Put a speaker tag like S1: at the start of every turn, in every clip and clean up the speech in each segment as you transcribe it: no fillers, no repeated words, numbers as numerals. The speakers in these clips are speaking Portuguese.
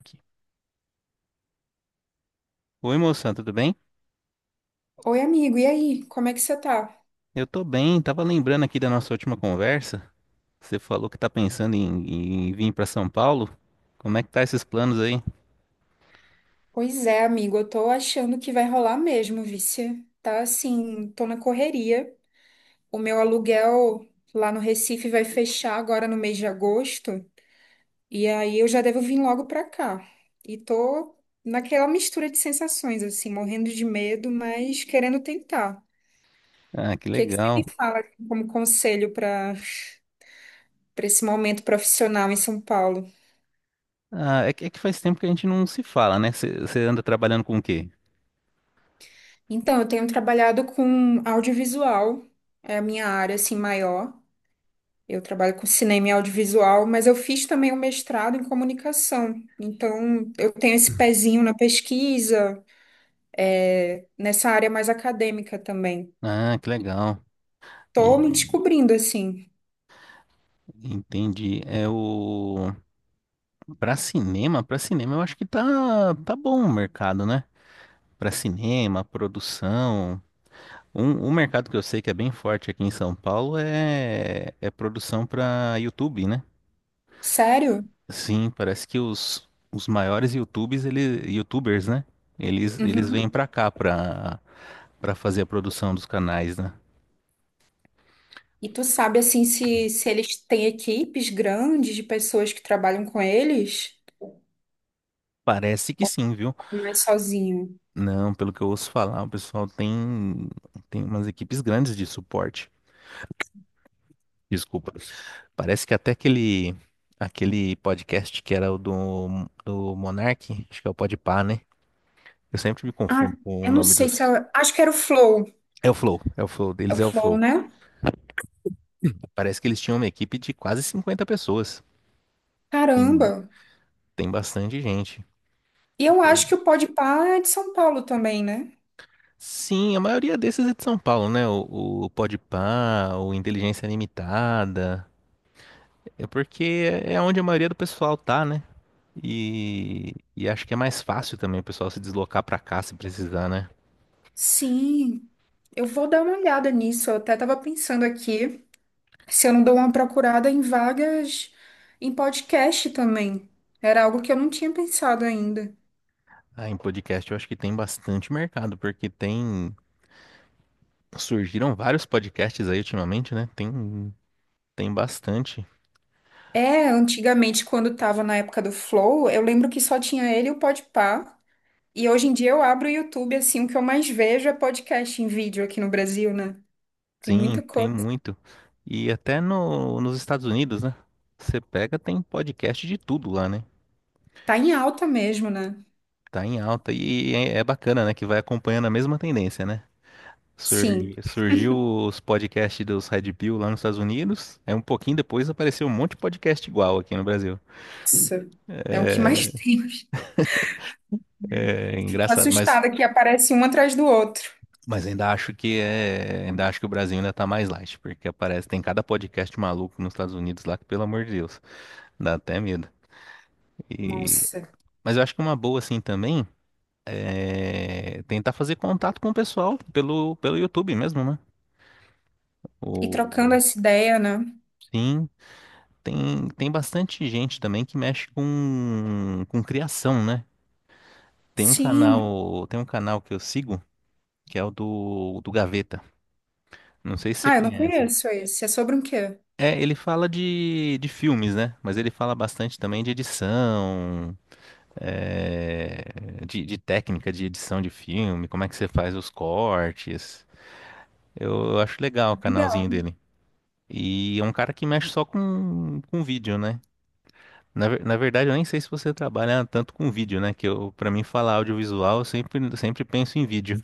S1: Aqui. Oi, moção, tudo bem?
S2: Oi, amigo, e aí? Como é que você tá?
S1: Eu tô bem, tava lembrando aqui da nossa última conversa. Você falou que tá pensando em vir pra São Paulo. Como é que tá esses planos aí?
S2: Pois é, amigo, eu tô achando que vai rolar mesmo, vice. Tá assim, tô na correria. O meu aluguel lá no Recife vai fechar agora no mês de agosto, e aí eu já devo vir logo pra cá. E tô naquela mistura de sensações, assim, morrendo de medo, mas querendo tentar.
S1: Ah, que
S2: O que que você
S1: legal.
S2: me fala assim, como conselho para esse momento profissional em São Paulo?
S1: Ah, é que faz tempo que a gente não se fala, né? Você anda trabalhando com o quê?
S2: Então, eu tenho trabalhado com audiovisual, é a minha área assim maior. Eu trabalho com cinema e audiovisual, mas eu fiz também um mestrado em comunicação. Então, eu tenho esse pezinho na pesquisa, nessa área mais acadêmica também.
S1: Ah, que legal.
S2: Tô
S1: E
S2: me descobrindo assim.
S1: entendi. É o Pra cinema, eu acho que tá bom o mercado, né? Pra cinema, produção. Um mercado que eu sei que é bem forte aqui em São Paulo é produção pra YouTube, né?
S2: Sério?
S1: Sim, parece que os maiores YouTubes, ele, YouTubers, né? Eles
S2: Uhum.
S1: vêm pra cá pra fazer a produção dos canais, né?
S2: E tu sabe assim se eles têm equipes grandes de pessoas que trabalham com eles?
S1: Parece que sim, viu?
S2: Ou é mais sozinho.
S1: Não, pelo que eu ouço falar, tem umas equipes grandes de suporte. Desculpa. Parece que até aquele podcast que era o do Monark, acho que é o Podpah, né? Eu sempre me
S2: Ah,
S1: confundo com o
S2: eu não
S1: nome
S2: sei se
S1: dos.
S2: é- acho que era o Flow.
S1: É o Flow,
S2: É o
S1: deles é o
S2: Flow,
S1: Flow.
S2: né?
S1: Parece que eles tinham uma equipe de quase 50 pessoas. Tem,
S2: Caramba.
S1: tem bastante gente.
S2: E eu acho que o Podpah é de São Paulo também, né?
S1: Sim, a maioria desses é de São Paulo, né? O Podpah, o Inteligência Limitada. É porque é onde a maioria do pessoal tá, né? E acho que é mais fácil também o pessoal se deslocar pra cá se precisar, né?
S2: Sim. Eu vou dar uma olhada nisso. Eu até estava pensando aqui se eu não dou uma procurada em vagas em podcast também. Era algo que eu não tinha pensado ainda.
S1: Ah, em podcast eu acho que tem bastante mercado, porque tem. Surgiram vários podcasts aí ultimamente, né? Tem bastante.
S2: É, antigamente, quando estava na época do Flow, eu lembro que só tinha ele e o Podpah. E hoje em dia eu abro o YouTube, assim, o que eu mais vejo é podcast em vídeo aqui no Brasil, né? Tem
S1: Sim,
S2: muita
S1: tem
S2: coisa.
S1: muito. E até no, nos Estados Unidos, né? Você pega, tem podcast de tudo lá, né?
S2: Tá em alta mesmo, né?
S1: Tá em alta. E é bacana, né? Que vai acompanhando a mesma tendência, né? Sur,
S2: Sim.
S1: surgiu os podcasts dos Red Pill lá nos Estados Unidos. É um pouquinho depois apareceu um monte de podcast igual aqui no Brasil.
S2: Nossa. É o que mais
S1: É engraçado, mas
S2: assustada que aparece um atrás do outro.
S1: Mas ainda acho que é, ainda acho que o Brasil ainda tá mais light, porque aparece, tem cada podcast maluco nos Estados Unidos lá que, pelo amor de Deus, dá até medo. E,
S2: Nossa.
S1: mas eu acho que uma boa assim também é tentar fazer contato com o pessoal pelo YouTube mesmo, né?
S2: E
S1: O,
S2: trocando essa ideia, né?
S1: sim, tem bastante gente também que mexe com criação, né? Tem um
S2: Sim.
S1: canal, tem um canal que eu sigo que é o do Gaveta. Não sei se você
S2: Ah, eu não
S1: conhece.
S2: conheço esse. É sobre um quê?
S1: É, ele fala de filmes, né? Mas ele fala bastante também de edição, é, de técnica de edição de filme, como é que você faz os cortes. Eu acho legal o
S2: Legal.
S1: canalzinho dele. E é um cara que mexe só com vídeo, né? Na verdade, eu nem sei se você trabalha tanto com vídeo, né? Que eu, para mim, falar audiovisual, eu sempre penso em vídeo.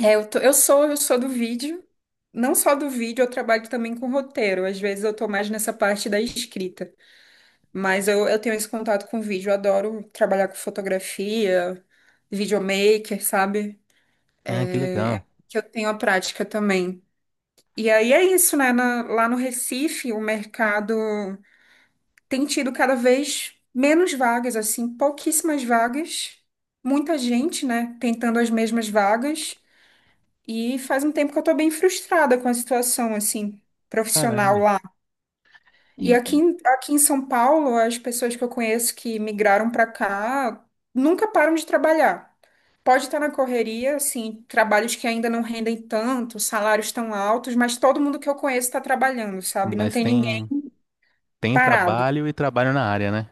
S2: É, eu sou do vídeo. Não só do vídeo, eu trabalho também com roteiro. Às vezes eu tô mais nessa parte da escrita. Mas eu tenho esse contato com vídeo. Eu adoro trabalhar com fotografia, videomaker, sabe?
S1: Ah, que
S2: É,
S1: legal.
S2: é que eu tenho a prática também. E aí é isso, né? Lá no Recife, o mercado tem tido cada vez menos vagas, assim, pouquíssimas vagas, muita gente, né, tentando as mesmas vagas, e faz um tempo que eu tô bem frustrada com a situação, assim, profissional
S1: Caramba.
S2: lá. E
S1: E,
S2: aqui em São Paulo, as pessoas que eu conheço que migraram para cá nunca param de trabalhar. Pode estar na correria, assim, trabalhos que ainda não rendem tanto, salários tão altos, mas todo mundo que eu conheço está trabalhando, sabe? Não
S1: mas
S2: tem ninguém
S1: tem
S2: parado.
S1: trabalho e trabalho na área, né?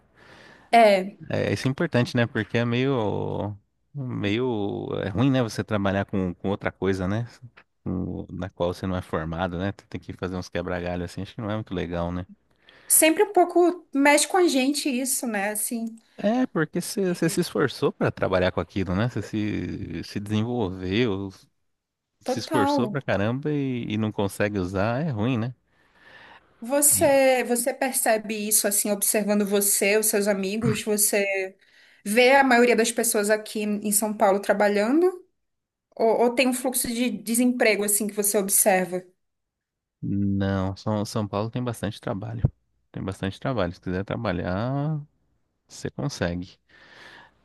S2: É.
S1: É, isso é importante, né? Porque é meio, é ruim, né? Você trabalhar com outra coisa, né? Com- na qual você não é formado, né? Tem que fazer uns quebra-galho assim, acho que não é muito legal, né?
S2: Sempre um pouco mexe com a gente isso, né? Assim,
S1: É, porque você se esforçou pra trabalhar com aquilo, né? Você se desenvolveu, se esforçou pra
S2: total.
S1: caramba e não consegue usar, é ruim, né? E-
S2: Você percebe isso assim, observando você, os seus amigos? Você vê a maioria das pessoas aqui em São Paulo trabalhando? Ou tem um fluxo de desemprego assim que você observa?
S1: Não, São Paulo tem bastante trabalho. Tem bastante trabalho. Se quiser trabalhar, você consegue.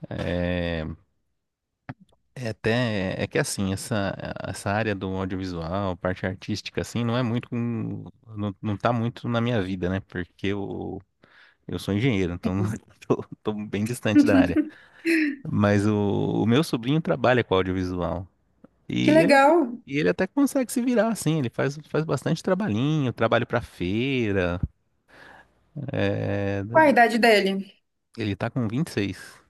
S1: É, é até, é que assim, essa área do audiovisual, parte artística, assim, não é muito, com- não, não tá muito na minha vida, né? Porque eu sou engenheiro, então não- tô bem distante da área. Mas o meu sobrinho trabalha com audiovisual
S2: Que
S1: e ele,
S2: legal.
S1: e ele até consegue se virar, assim, ele faz, faz bastante trabalhinho, trabalho pra feira, é, da-
S2: Qual a
S1: da-
S2: idade dele?
S1: ele tá com 26.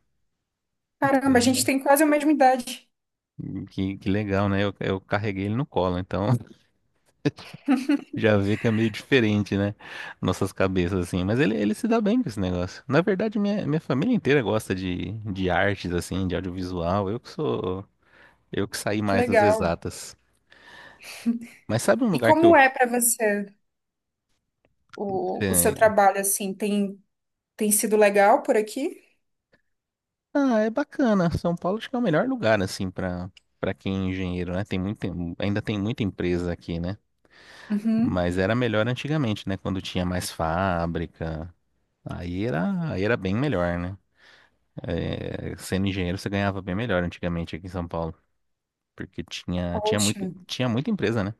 S2: Caramba, a gente
S1: Né?
S2: tem quase a mesma idade.
S1: Que legal, né? Eu carreguei ele no colo, então já vê que é meio diferente, né? Nossas cabeças, assim. Mas ele se dá bem com esse negócio. Na verdade, minha família inteira gosta de artes, assim, de audiovisual. Eu que sou. Eu que saí
S2: Que
S1: mais das
S2: legal.
S1: exatas. Mas sabe um
S2: E
S1: lugar que eu.
S2: como é para você o seu
S1: É,
S2: trabalho assim? Tem, tem sido legal por aqui?
S1: ah, é bacana. São Paulo acho que é o melhor lugar, assim, pra, pra quem é engenheiro, né? Tem muita, ainda tem muita empresa aqui, né?
S2: Uhum.
S1: Mas era melhor antigamente, né? Quando tinha mais fábrica. Aí era bem melhor, né? É, sendo engenheiro, você ganhava bem melhor antigamente aqui em São Paulo. Porque tinha
S2: Poxa.
S1: muito, tinha muita empresa, né?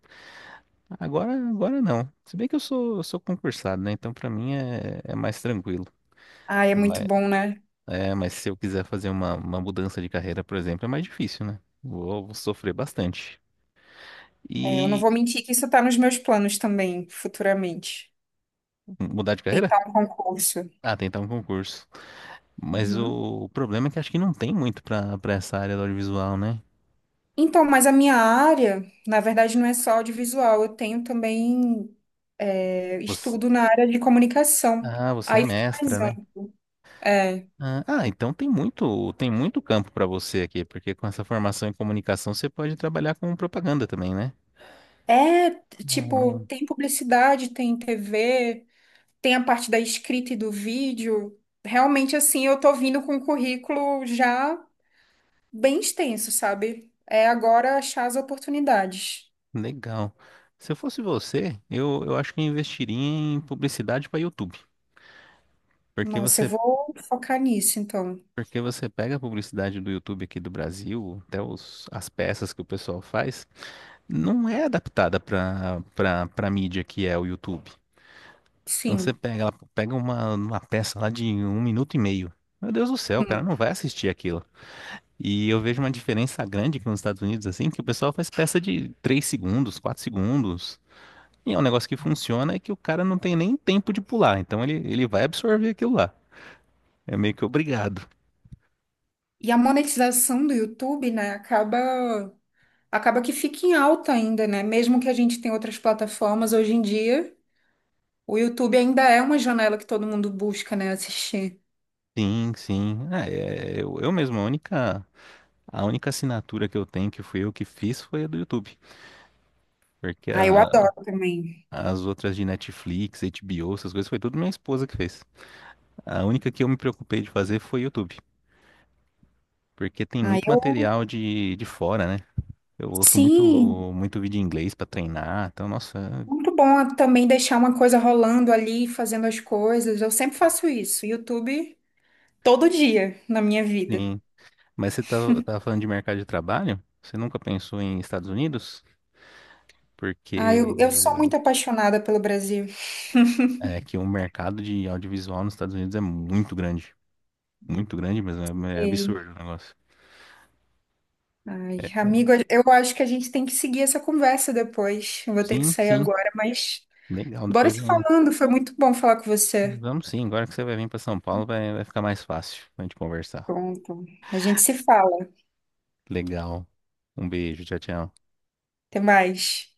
S1: Agora não. Se bem que eu sou concursado, né? Então pra mim é mais tranquilo.
S2: Ai, é muito
S1: Mas,
S2: bom, né?
S1: é, mas se eu quiser fazer uma mudança de carreira, por exemplo, é mais difícil, né? Vou sofrer bastante.
S2: É, eu não
S1: E
S2: vou mentir que isso tá nos meus planos também, futuramente.
S1: mudar de carreira?
S2: Tentar um concurso.
S1: Ah, tentar um concurso. Mas
S2: Uhum.
S1: o problema é que acho que não tem muito pra para essa área do audiovisual, né?
S2: Então, mas a minha área, na verdade, não é só audiovisual. Eu tenho também
S1: Você,
S2: estudo na área de comunicação.
S1: ah, você é
S2: Aí fica mais
S1: mestra, né?
S2: amplo. É,
S1: Ah, ah, então tem muito campo para você aqui, porque com essa formação em comunicação você pode trabalhar com propaganda também, né?
S2: é, tipo,
S1: Ah,
S2: tem publicidade, tem TV, tem a parte da escrita e do vídeo. Realmente, assim, eu tô vindo com um currículo já bem extenso, sabe? É agora achar as oportunidades.
S1: legal. Se eu fosse você, eu acho que eu investiria em publicidade para YouTube, porque
S2: Nossa, eu
S1: você,
S2: vou focar nisso, então.
S1: porque você pega a publicidade do YouTube aqui do Brasil, até os, as peças que o pessoal faz, não é adaptada para mídia que é o YouTube. Então você
S2: Sim.
S1: pega, ela pega uma peça lá de um minuto e meio. Meu Deus do céu, o cara
S2: Hum.
S1: não vai assistir aquilo. E eu vejo uma diferença grande aqui nos Estados Unidos, assim, que o pessoal faz peça de 3 segundos, 4 segundos. E é um negócio que funciona, é que o cara não tem nem tempo de pular. Então ele vai absorver aquilo lá. É meio que obrigado.
S2: E a monetização do YouTube, né, acaba que fica em alta ainda, né? Mesmo que a gente tenha outras plataformas hoje em dia, o YouTube ainda é uma janela que todo mundo busca, né, assistir.
S1: Sim, sim. Ah, é, eu mesmo, a única assinatura que eu tenho, que fui eu que fiz, foi a do YouTube. Porque
S2: Ah, eu
S1: a-
S2: adoro também.
S1: as outras de Netflix, HBO, essas coisas, foi tudo minha esposa que fez. A única que eu me preocupei de fazer foi YouTube. Porque tem
S2: Ah,
S1: muito
S2: eu
S1: material de fora, né? Eu ouço muito,
S2: Sim,
S1: muito vídeo em inglês pra treinar, então, nossa,
S2: muito bom também deixar uma coisa rolando ali, fazendo as coisas. Eu sempre faço isso. YouTube todo dia na minha vida.
S1: sim. Mas você tá, tava falando de mercado de trabalho? Você nunca pensou em Estados Unidos?
S2: Ai, eu sou
S1: Porque
S2: muito apaixonada pelo Brasil.
S1: é que o mercado de audiovisual nos Estados Unidos é muito grande. Muito grande mesmo, é
S2: Ei,
S1: absurdo o negócio.
S2: ai,
S1: É, é-
S2: amigo, eu acho que a gente tem que seguir essa conversa depois. Eu vou ter que
S1: sim,
S2: sair
S1: sim,
S2: agora, mas
S1: legal.
S2: bora
S1: Depois
S2: se
S1: é,
S2: falando. Foi muito bom falar com você.
S1: vamos sim, agora que você vai vir pra São Paulo, vai ficar mais fácil pra gente conversar.
S2: Pronto. A gente se fala.
S1: Legal. Um beijo, tchau, tchau.
S2: Até mais.